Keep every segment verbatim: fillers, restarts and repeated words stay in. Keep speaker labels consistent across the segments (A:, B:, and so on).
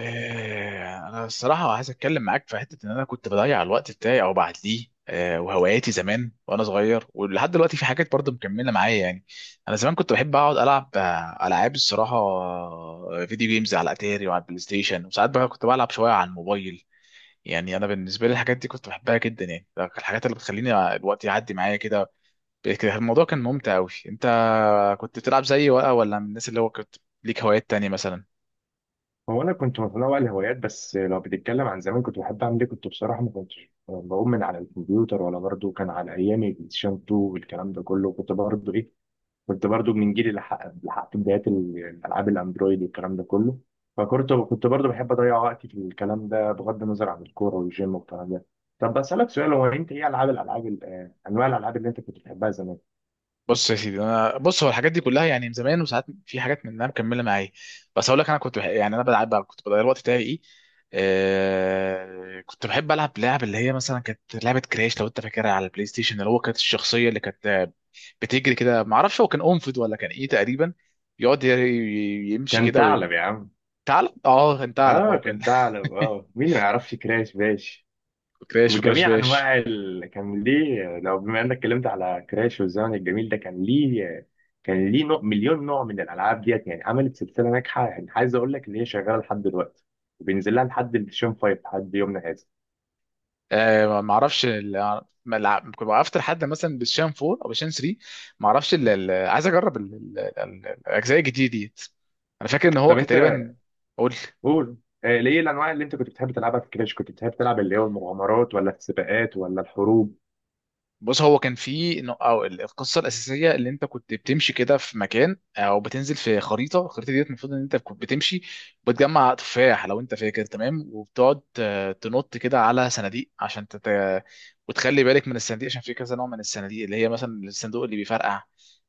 A: آه، انا الصراحه عايز اتكلم معاك في حته ان انا كنت بضيع الوقت بتاعي او بعديه، آه، وهواياتي زمان وانا صغير، ولحد دلوقتي في حاجات برضه مكمله معايا يعني. انا زمان كنت بحب اقعد العب آه، العاب الصراحه آه، فيديو جيمز على اتاري وعلى البلاي ستيشن، وساعات بقى كنت بلعب شويه على الموبايل. يعني انا بالنسبه لي الحاجات دي كنت بحبها جدا، يعني ده كان الحاجات اللي بتخليني الوقت يعدي معايا كده. كده الموضوع كان ممتع قوي. انت كنت بتلعب زيي ولا ولا من الناس اللي هو كنت ليك هوايات تانية مثلا؟
B: هو انا كنت متنوع الهوايات، بس لو بتتكلم عن زمان كنت بحب اعمل ايه، كنت بصراحه ما كنتش بقوم من على الكمبيوتر، ولا برضه كان على ايامي بلاي ستيشن اتنين والكلام ده كله. كنت برضه ايه، كنت برضه من جيل اللي حقق- اللي حققت بدايات ال- الالعاب الاندرويد والكلام ده كله. فكنت كنت برضه بحب اضيع وقتي في الكلام ده بغض النظر عن الكوره والجيم والكلام ده. طب بسالك سؤال، هو انت ايه العاب، الالعاب ال- آه، انواع الالعاب اللي انت كنت بتحبها زمان؟
A: بص يا سيدي، انا بص هو الحاجات دي كلها يعني من زمان، وساعات في حاجات منها مكمله معايا. بس اقول لك انا كنت بح... يعني انا بلعب بقى- كنت بضيع الوقت بتاعي ايه. آه... كنت بحب العب لعب اللي هي مثلا كانت لعبه كراش، لو انت فاكرها، على البلاي ستيشن اللي هو كانت الشخصيه اللي كانت آه، بتجري كده، ما اعرفش هو كان انفد ولا كان ايه تقريبا. يقعد ي- ي- يمشي
B: كان
A: كده وي...
B: ثعلب يا عم.
A: ثعلب، اه، كان ثعلب،
B: اه
A: اه، كان.
B: كان ثعلب، اه مين ما يعرفش كراش باش
A: كراش، وكراش
B: وجميع
A: باش.
B: انواع ال... كان ليه. لو بما انك اتكلمت على كراش والزمن الجميل ده، كان ليه، كان ليه نوع، مليون نوع من الالعاب ديت، يعني عملت سلسله ناجحه. يعني عايز اقول لك ان هي شغاله لحد دلوقتي وبينزل لها لحد الشين فايف لحد يومنا هذا.
A: آه ما اعرفش ال- ما الع- كنت وقفت لحد مثلا بالشان أربعة او بالشان تلاتة، ما اعرفش ال- ال- عايز اجرب ال- ال- ال- الاجزاء الجديده ديت. انا فاكر ان هو
B: طب
A: كان
B: انت
A: تقريبا. قول.
B: قول. آه، ليه الانواع اللي انت كنت بتحب تلعبها في كراش؟ كنت بتحب تلعب اللي هو المغامرات ولا السباقات ولا الحروب؟
A: بص هو كان في إنه- او القصه الاساسيه، اللي انت كنت بتمشي كده في مكان او بتنزل في خريطه، الخريطه ديت المفروض ان انت كنت بتمشي وبتجمع تفاح، لو انت فاكر تمام، وبتقعد آه، تنط كده على صناديق عشان تت... وتخلي بالك من الصناديق، عشان في كذا نوع من الصناديق، اللي هي مثلا الصندوق اللي بيفرقع،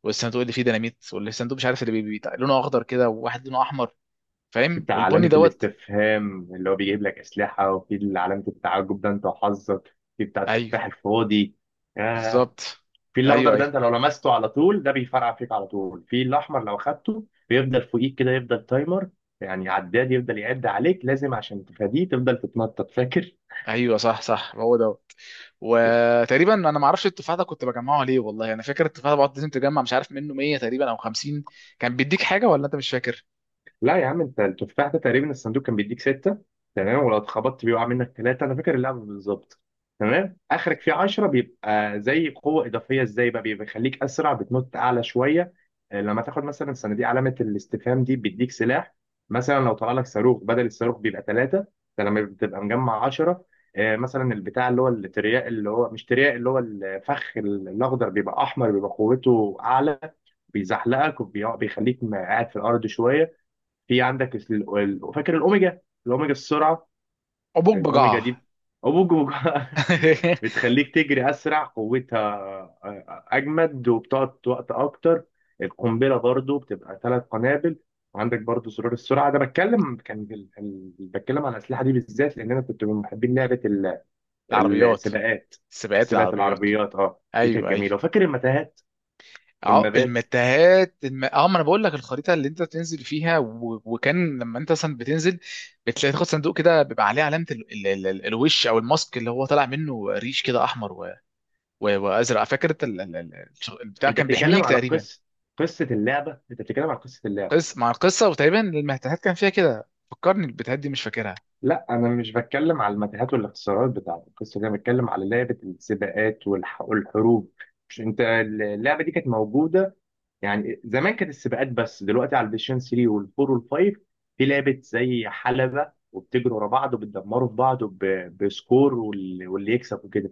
A: والصندوق اللي فيه ديناميت، والصندوق مش عارف اللي بي... بي- لونه اخضر كده، وواحد لونه احمر. فاهم؟
B: بتاع علامه
A: والبني دوت.
B: الاستفهام اللي هو بيجيب لك اسلحه، وفي علامه التعجب ده انت وحظك في بتاع التفاح
A: ايوه،
B: الفاضي. آه،
A: بالظبط.
B: في
A: ايوه،
B: الاخضر ده
A: ايوه.
B: انت لو لمسته على طول، ده بيفرقع فيك على طول. في الاحمر لو خدته بيفضل فوقيك كده، يفضل تايمر، يعني عداد يفضل يعد عليك لازم عشان تفاديه تفضل تتنطط، فاكر؟
A: ايوه، صح، صح، هو ده. وتقريبا انا ما اعرفش التفاحه ده كنت بجمعه ليه، والله انا فاكر التفاحه ده بقعد لازم تجمع، مش عارف منه مية تقريبا او خمسين، كان بيديك حاجه ولا انت مش فاكر؟
B: لا يا عم، انت التفاح ده تقريبا الصندوق كان بيديك ستة. تمام، ولو اتخبطت بيه وقع منك ثلاثة، انا فاكر اللعبة بالظبط. تمام. اخرك فيه عشرة بيبقى زي قوة اضافية. ازاي بقى؟ بيبقى بيخليك اسرع، بتنط اعلى شوية. آه، لما تاخد مثلا صناديق علامة الاستفهام دي، بيديك سلاح. مثلا لو طلع لك صاروخ، بدل الصاروخ بيبقى ثلاثة ده لما بتبقى مجمع عشرة. آه، مثلا البتاع اللي هو الترياق، اللي هو مش ترياق، اللي هو الفخ الاخضر بيبقى احمر، بيبقى قوته اعلى، بيزحلقك وبيخليك قاعد في الارض شوية. في عندك ال- ال- فاكر الاوميجا؟ الاوميجا السرعه.
A: عبوك
B: الاوميجا
A: بجعه.
B: دي، أبوج وج- بتخليك تجري اسرع، قوتها آه، اجمد وبتقعد وقت اكتر. القنبله برضو بتبقى ثلاث قنابل. وعندك برضو زرار السرعه ده. بتكلم كان ال- ال- بتكلم عن الاسلحه دي بالذات لان انا كنت من محبين لعبه ال-
A: العربيات.
B: السباقات،
A: سباقات
B: سباقات
A: العربيات.
B: العربيات. اه دي كانت
A: ايوه، ايوه.
B: جميله، وفاكر المتاهات
A: اه،
B: والمبات.
A: المتاهات الم... اه، ما انا بقول لك الخريطه اللي انت بتنزل فيها و... وكان لما انت مثلا بتنزل بتلاقي تاخد صندوق كده، بيبقى عليه علامه ال... ال... ال... ال- الوش، او الماسك، اللي هو طالع منه ريش كده احمر و... و... وازرق، فاكر انت ال... ال... ال... البتاع
B: انت
A: كان
B: بتتكلم
A: بيحميك
B: على
A: تقريبا.
B: قصه؟ قصه اللعبه؟ انت بتتكلم على قصه اللعبه؟
A: قصة مع القصة، وتقريبا المهتهات كان فيها كده، فكرني البتهات دي مش فاكرها.
B: لا انا مش بتكلم على المتاهات والاختصارات بتاعت القصه دي، انا بتكلم على لعبه السباقات والح- والحروب. مش انت اللعبه دي كانت موجوده؟ يعني زمان كانت السباقات، بس دلوقتي على البلايستيشن ثلاثة وال4 وال5 في لعبه زي حلبه، وبتجروا ورا بعض وبتدمروا في بعض وب- بسكور، وال- واللي يكسب وكده.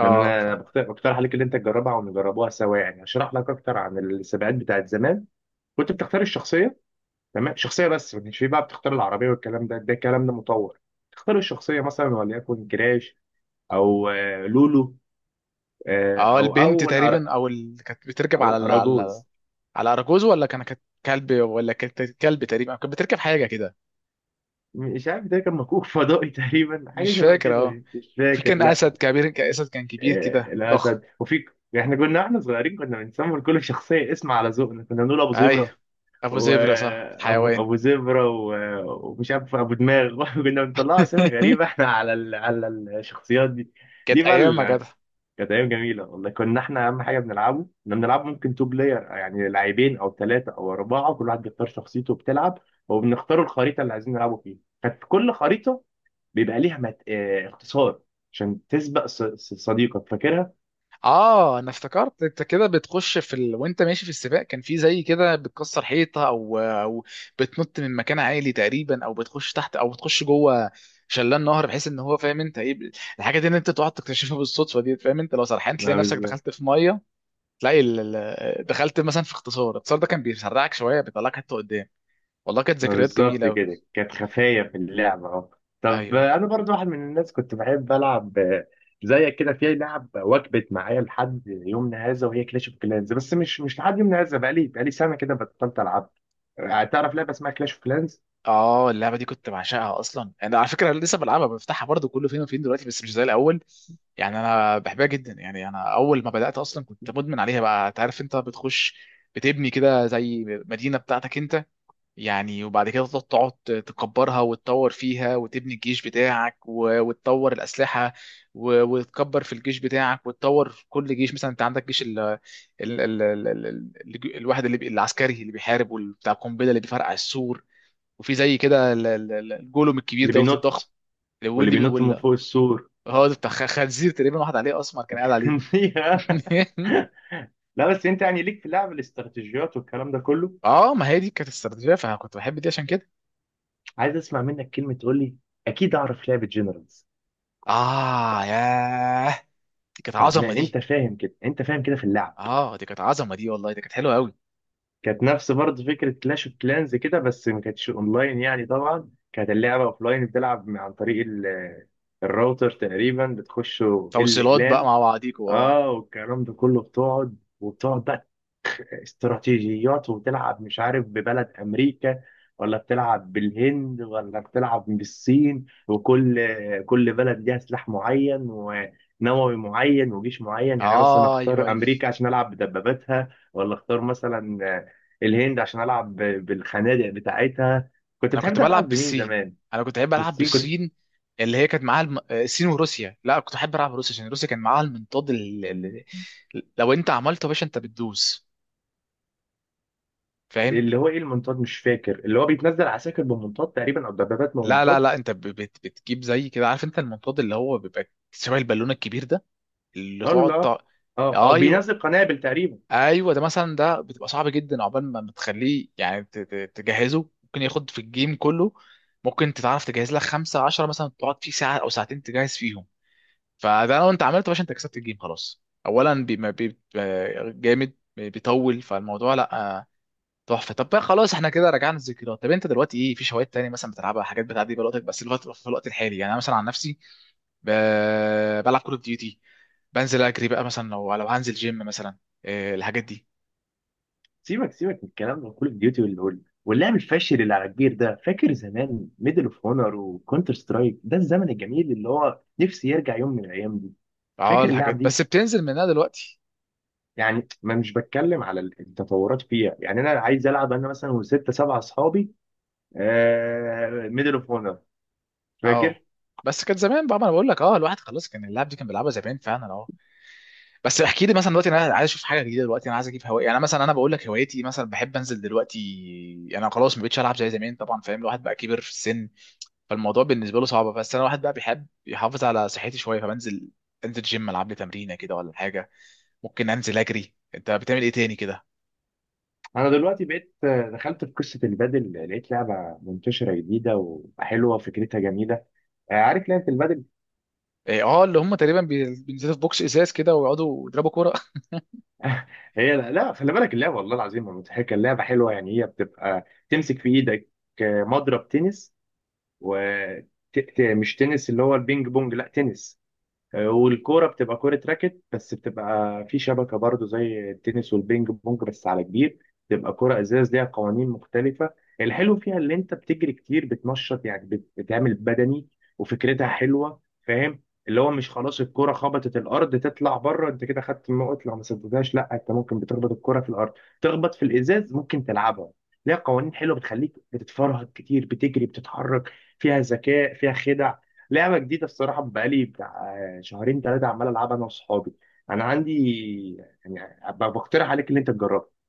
B: لان
A: ف...
B: انا بقت- بقترح عليك اللي انت تجربها ونجربوها سوا. يعني اشرح لك اكتر عن السباقات بتاعت زمان. كنت بتختار الشخصيه، تمام، شخصيه بس، ما كانش فيه بقى بتختار العربيه والكلام ده، ده الكلام ده مطور. تختار الشخصيه مثلا وليكن جراش، او آه، لولو، آه،
A: اه،
B: او
A: البنت
B: او الأر...
A: تقريبا، او اللي كانت بتركب
B: او
A: على ال... على
B: الاراجوز.
A: على اراجوز، ولا كان كانت كلب، ولا كانت كلب تقريبا، كانت بتركب حاجة كده.
B: مش عارف، ده كان مكوك فضائي تقريبا، حاجه
A: مش
B: شبه
A: فاكر
B: كده
A: اه.
B: يعني. مش
A: في
B: فاكر
A: كان اسد
B: لا.
A: كبير، كان اسد، كان كبير
B: آه،
A: كده ضخم.
B: الاسد. وفي، احنا كنا احنا صغيرين كنا بنسمي لكل شخصيه اسم على ذوقنا. كنا نقول ابو زبره،
A: ايوه. ابو زبرة صح،
B: وابو ابو
A: حيوان.
B: أبو زبره و- ومش عارف ابو دماغ كنا بنطلع اسامي غريبه احنا على ال... على الشخصيات دي.
A: كانت
B: دي
A: ايام يا
B: بقى
A: جدع.
B: كانت ايام جميله والله. كنا احنا اهم حاجه بنلعبه، كنا بنلعب ممكن تو بلاير، يعني لاعبين او ثلاثه او اربعه. كل واحد بيختار شخصيته وبتلعب، وبنختار الخريطه اللي عايزين نلعبه فيها. كانت كل خريطه بيبقى ليها مت... اه... اختصار عشان تسبق ص... ص- صديقك، فاكرها؟
A: اه انا افتكرت انت كده بتخش في ال... وانت ماشي في السباق، كان في زي كده بتكسر حيطه او او بتنط من مكان عالي تقريبا، او بتخش تحت او بتخش جوه شلال نهر، بحيث ان هو فاهم انت ايه ب- الحاجه دي، ان انت تقعد تكتشفها بالصدفه دي، فاهم، انت لو سرحان تلاقي نفسك دخلت في ميه، تلاقي ال... ال- دخلت مثلا في اختصار، الاختصار ده كان بيسرعك شويه، بيطلعك حته قدام. والله كانت
B: ما
A: ذكريات
B: بالظبط
A: جميله قوي.
B: كده كانت خفاية في اللعبة، اه. طب
A: ايوه، ايوه.
B: آه، أنا برضو واحد من الناس كنت بحب ألعب آه، زيك كده، في لعب وجبت معايا لحد يومنا هذا وهي كلاش اوف كلانز. بس مش مش لحد يومنا هذا، بقالي بقالي سنة كده بطلت ألعب. آه، تعرف لعبة اسمها كلاش اوف كلانز؟
A: اه، اللعبه دي كنت بعشقها اصلا، انا على فكره لسه بلعبها، بفتحها برضه كله فين وفين دلوقتي، بس مش زي الاول. يعني انا بحبها جدا، يعني انا اول ما بدات اصلا كنت مدمن عليها بقى، انت عارف انت بتخش بتبني كده زي مدينه بتاعتك انت، يعني وبعد كده تقعد تقعد تكبرها وتطور فيها، وتبني الجيش بتاعك و- وتطور الاسلحه، و- وتكبر في الجيش بتاعك، وتطور في كل جيش. مثلا انت عندك جيش ال ال ال ال ال ال الواحد اللي بي- العسكري اللي بيحارب، وبتاع القنبله اللي بيفرقع السور، وفي زي كده ال- ال- ال- الجولوم الكبير
B: اللي
A: دوت الضخم،
B: بينط،
A: اللي
B: واللي
A: واللي بي-
B: بينط من
A: ولا
B: فوق السور.
A: هو ده بتاع خ- خنزير تقريبا، واحد عليه اسمر كان قاعد عليه.
B: فيها. لا بس أنت يعني ليك في لعب الاستراتيجيات والكلام ده كله.
A: اه، ما هي دي كانت استراتيجيه، فانا كنت بحب دي عشان كده.
B: عايز أسمع منك كلمة تقول لي أكيد أعرف لعبة جنرالز.
A: اه، ياه، دي كانت
B: فاهم
A: عظمه دي.
B: أنت، فاهم كده أنت، فاهم كده في اللعب.
A: اه، دي كانت عظمه دي، والله دي كانت حلوه قوي.
B: كانت نفس برضه فكرة كلاش اوف كلانز كده، بس ما كانتش اونلاين. يعني طبعا كانت اللعبة اوفلاين، بتلعب م- عن طريق ال- الراوتر تقريبا، بتخش ال-
A: توصيلات بقى
B: لان.
A: مع بعضيكوا اه.
B: اه والكلام ده كله، بتقعد، وبتقعد بقى استراتيجيات وبتلعب، مش عارف، ببلد امريكا، ولا بتلعب بالهند، ولا بتلعب بالصين. وكل، كل بلد ليها سلاح معين، ونووي معين، وجيش معين. يعني أنا مثلا
A: اه، ايوه،
B: اختار
A: ايوه.
B: امريكا عشان العب بدباباتها، ولا اختار مثلا الهند عشان العب ب- بالخنادق بتاعتها. كنت
A: انا
B: بتحب
A: كنت بلعب
B: تلعب بمين
A: بالصين.
B: زمان؟
A: انا كنت بحب العب
B: بالصين كنت.
A: بالصين. اللي هي كانت معاها الم... الصين وروسيا، لا كنت احب العب روسيا، عشان روسيا كان معاها المنطاد ال... ال... لو انت عملته يا باشا انت بتدوس. فاهم؟
B: اللي هو ايه المنطاد؟ مش فاكر، اللي هو بيتنزل عساكر بمنطاد تقريبا، او دبابات
A: لا، لا،
B: بمنطاد.
A: لا، انت ب- بت بتجيب زي كده، عارف؟ انت المنطاد اللي هو بيبقى شبه البالونه الكبير ده، اللي تقعد
B: الله.
A: ت-
B: اه اه
A: ايوه،
B: بينزل قنابل تقريبا.
A: ايوه، ده مثلا، ده بتبقى صعب جدا عقبال ما بتخليه يعني ت- ت- تجهزه، ممكن ياخد في الجيم كله، ممكن انت تعرف تجهز لك خمسة عشرة مثلا، تقعد فيه ساعة أو ساعتين تجهز فيهم. فده لو انت عملته يا باشا انت كسبت الجيم خلاص. أولا بي ما بي ب- جامد، بيطول فالموضوع، لا. تحفه. طب بقى خلاص، احنا كده رجعنا الذكريات. طب انت دلوقتي ايه، في هوايات تاني مثلا بتلعبها، حاجات بتعدي بيها وقتك بس الوقت في الوقت الحالي؟ يعني انا مثلا عن نفسي ب... بلعب كول اوف ديوتي، بنزل اجري بقى مثلا، لو لو هنزل جيم مثلا. إيه الحاجات دي؟
B: سيبك سيبك من الكلام ده، كول اوف ديوتي وال- واللعب الفاشل اللي على كبير ده. فاكر زمان ميدل اوف هونر وكونتر سترايك؟ ده الزمن الجميل اللي هو نفسي يرجع يوم من الايام دي.
A: اه،
B: فاكر
A: الحاجات
B: اللعب دي؟
A: بس بتنزل منها دلوقتي.
B: يعني ما مش بتكلم على التطورات فيها، يعني انا عايز العب انا مثلا وستة سبعة اصحابي. آه ميدل اوف هونر،
A: اه،
B: فاكر؟
A: بس كان زمان بقى، ما انا بقول لك، اه الواحد خلاص، كان اللعب دي كان بيلعبها زمان فعلا اه، بس احكي لي مثلا دلوقتي، انا عايز اشوف حاجه جديده، دلوقتي انا عايز اجيب هوايه. يعني مثلا انا بقول لك هوايتي، مثلا بحب انزل دلوقتي، انا خلاص ما بقتش العب زي زمان طبعا، فاهم، الواحد بقى كبر في السن، فالموضوع بالنسبه له صعب، بس انا واحد بقى بيحب يحافظ على صحتي شويه، فبنزل انزل جيم العب لي تمرينه كده ولا حاجه، ممكن انزل اجري. انت بتعمل ايه تاني كده؟
B: انا دلوقتي بقيت، آه، دخلت في قصه البادل، لقيت لعبه منتشره جديده وحلوه فكرتها جميله. آه، عارف لعبه البادل؟
A: إيه، اه، اللي هم تقريبا بي- بينزلوا في بوكس ازاز كده ويقعدوا يضربوا كوره.
B: هي لا لا، خلي بالك، اللعبه والله العظيم مضحكه، اللعبه حلوه. يعني هي بتبقى تمسك في ايدك مضرب تنس. و ت- ت- مش تنس اللي هو البينج بونج، لا تنس. آه، والكوره بتبقى كوره راكت، بس بتبقى في شبكه برضو زي التنس والبينج بونج، بس على كبير. بتبقى كوره ازاز، ليها قوانين مختلفه. الحلو فيها اللي انت بتجري كتير، بتنشط يعني، بت- بتعمل بدني. وفكرتها حلوه، فاهم؟ اللي هو مش خلاص الكوره خبطت الارض تطلع بره، انت كده خدت النقط لو ما سددتهاش. لا انت ممكن بتخبط الكوره في الارض تخبط في الازاز، ممكن تلعبها. ليها قوانين حلوه بتخليك بتتفرهد كتير، بتجري بتتحرك. فيها ذكاء، فيها خدع. لعبة جديدة الصراحة، بقالي بتاع شهرين ثلاثة عمال ألعبها أنا وصحابي. أنا عندي، يعني أب- بقترح عليك اللي أنت تجربه.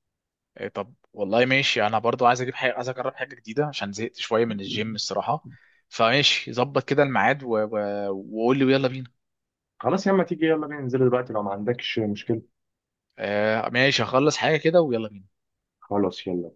A: إيه، طب والله ماشي، انا برضو عايز اجيب حاجه، عايز اجرب حاجه جديده عشان زهقت شويه من الجيم الصراحه، فماشي، ظبط كده الميعاد و- و- وقول لي ويلا بينا.
B: خلاص يا اما تيجي، يلا بينا ننزل دلوقتي لو ما عندكش مشكلة.
A: آه ماشي، هخلص حاجه كده ويلا بينا.
B: خلاص يلا.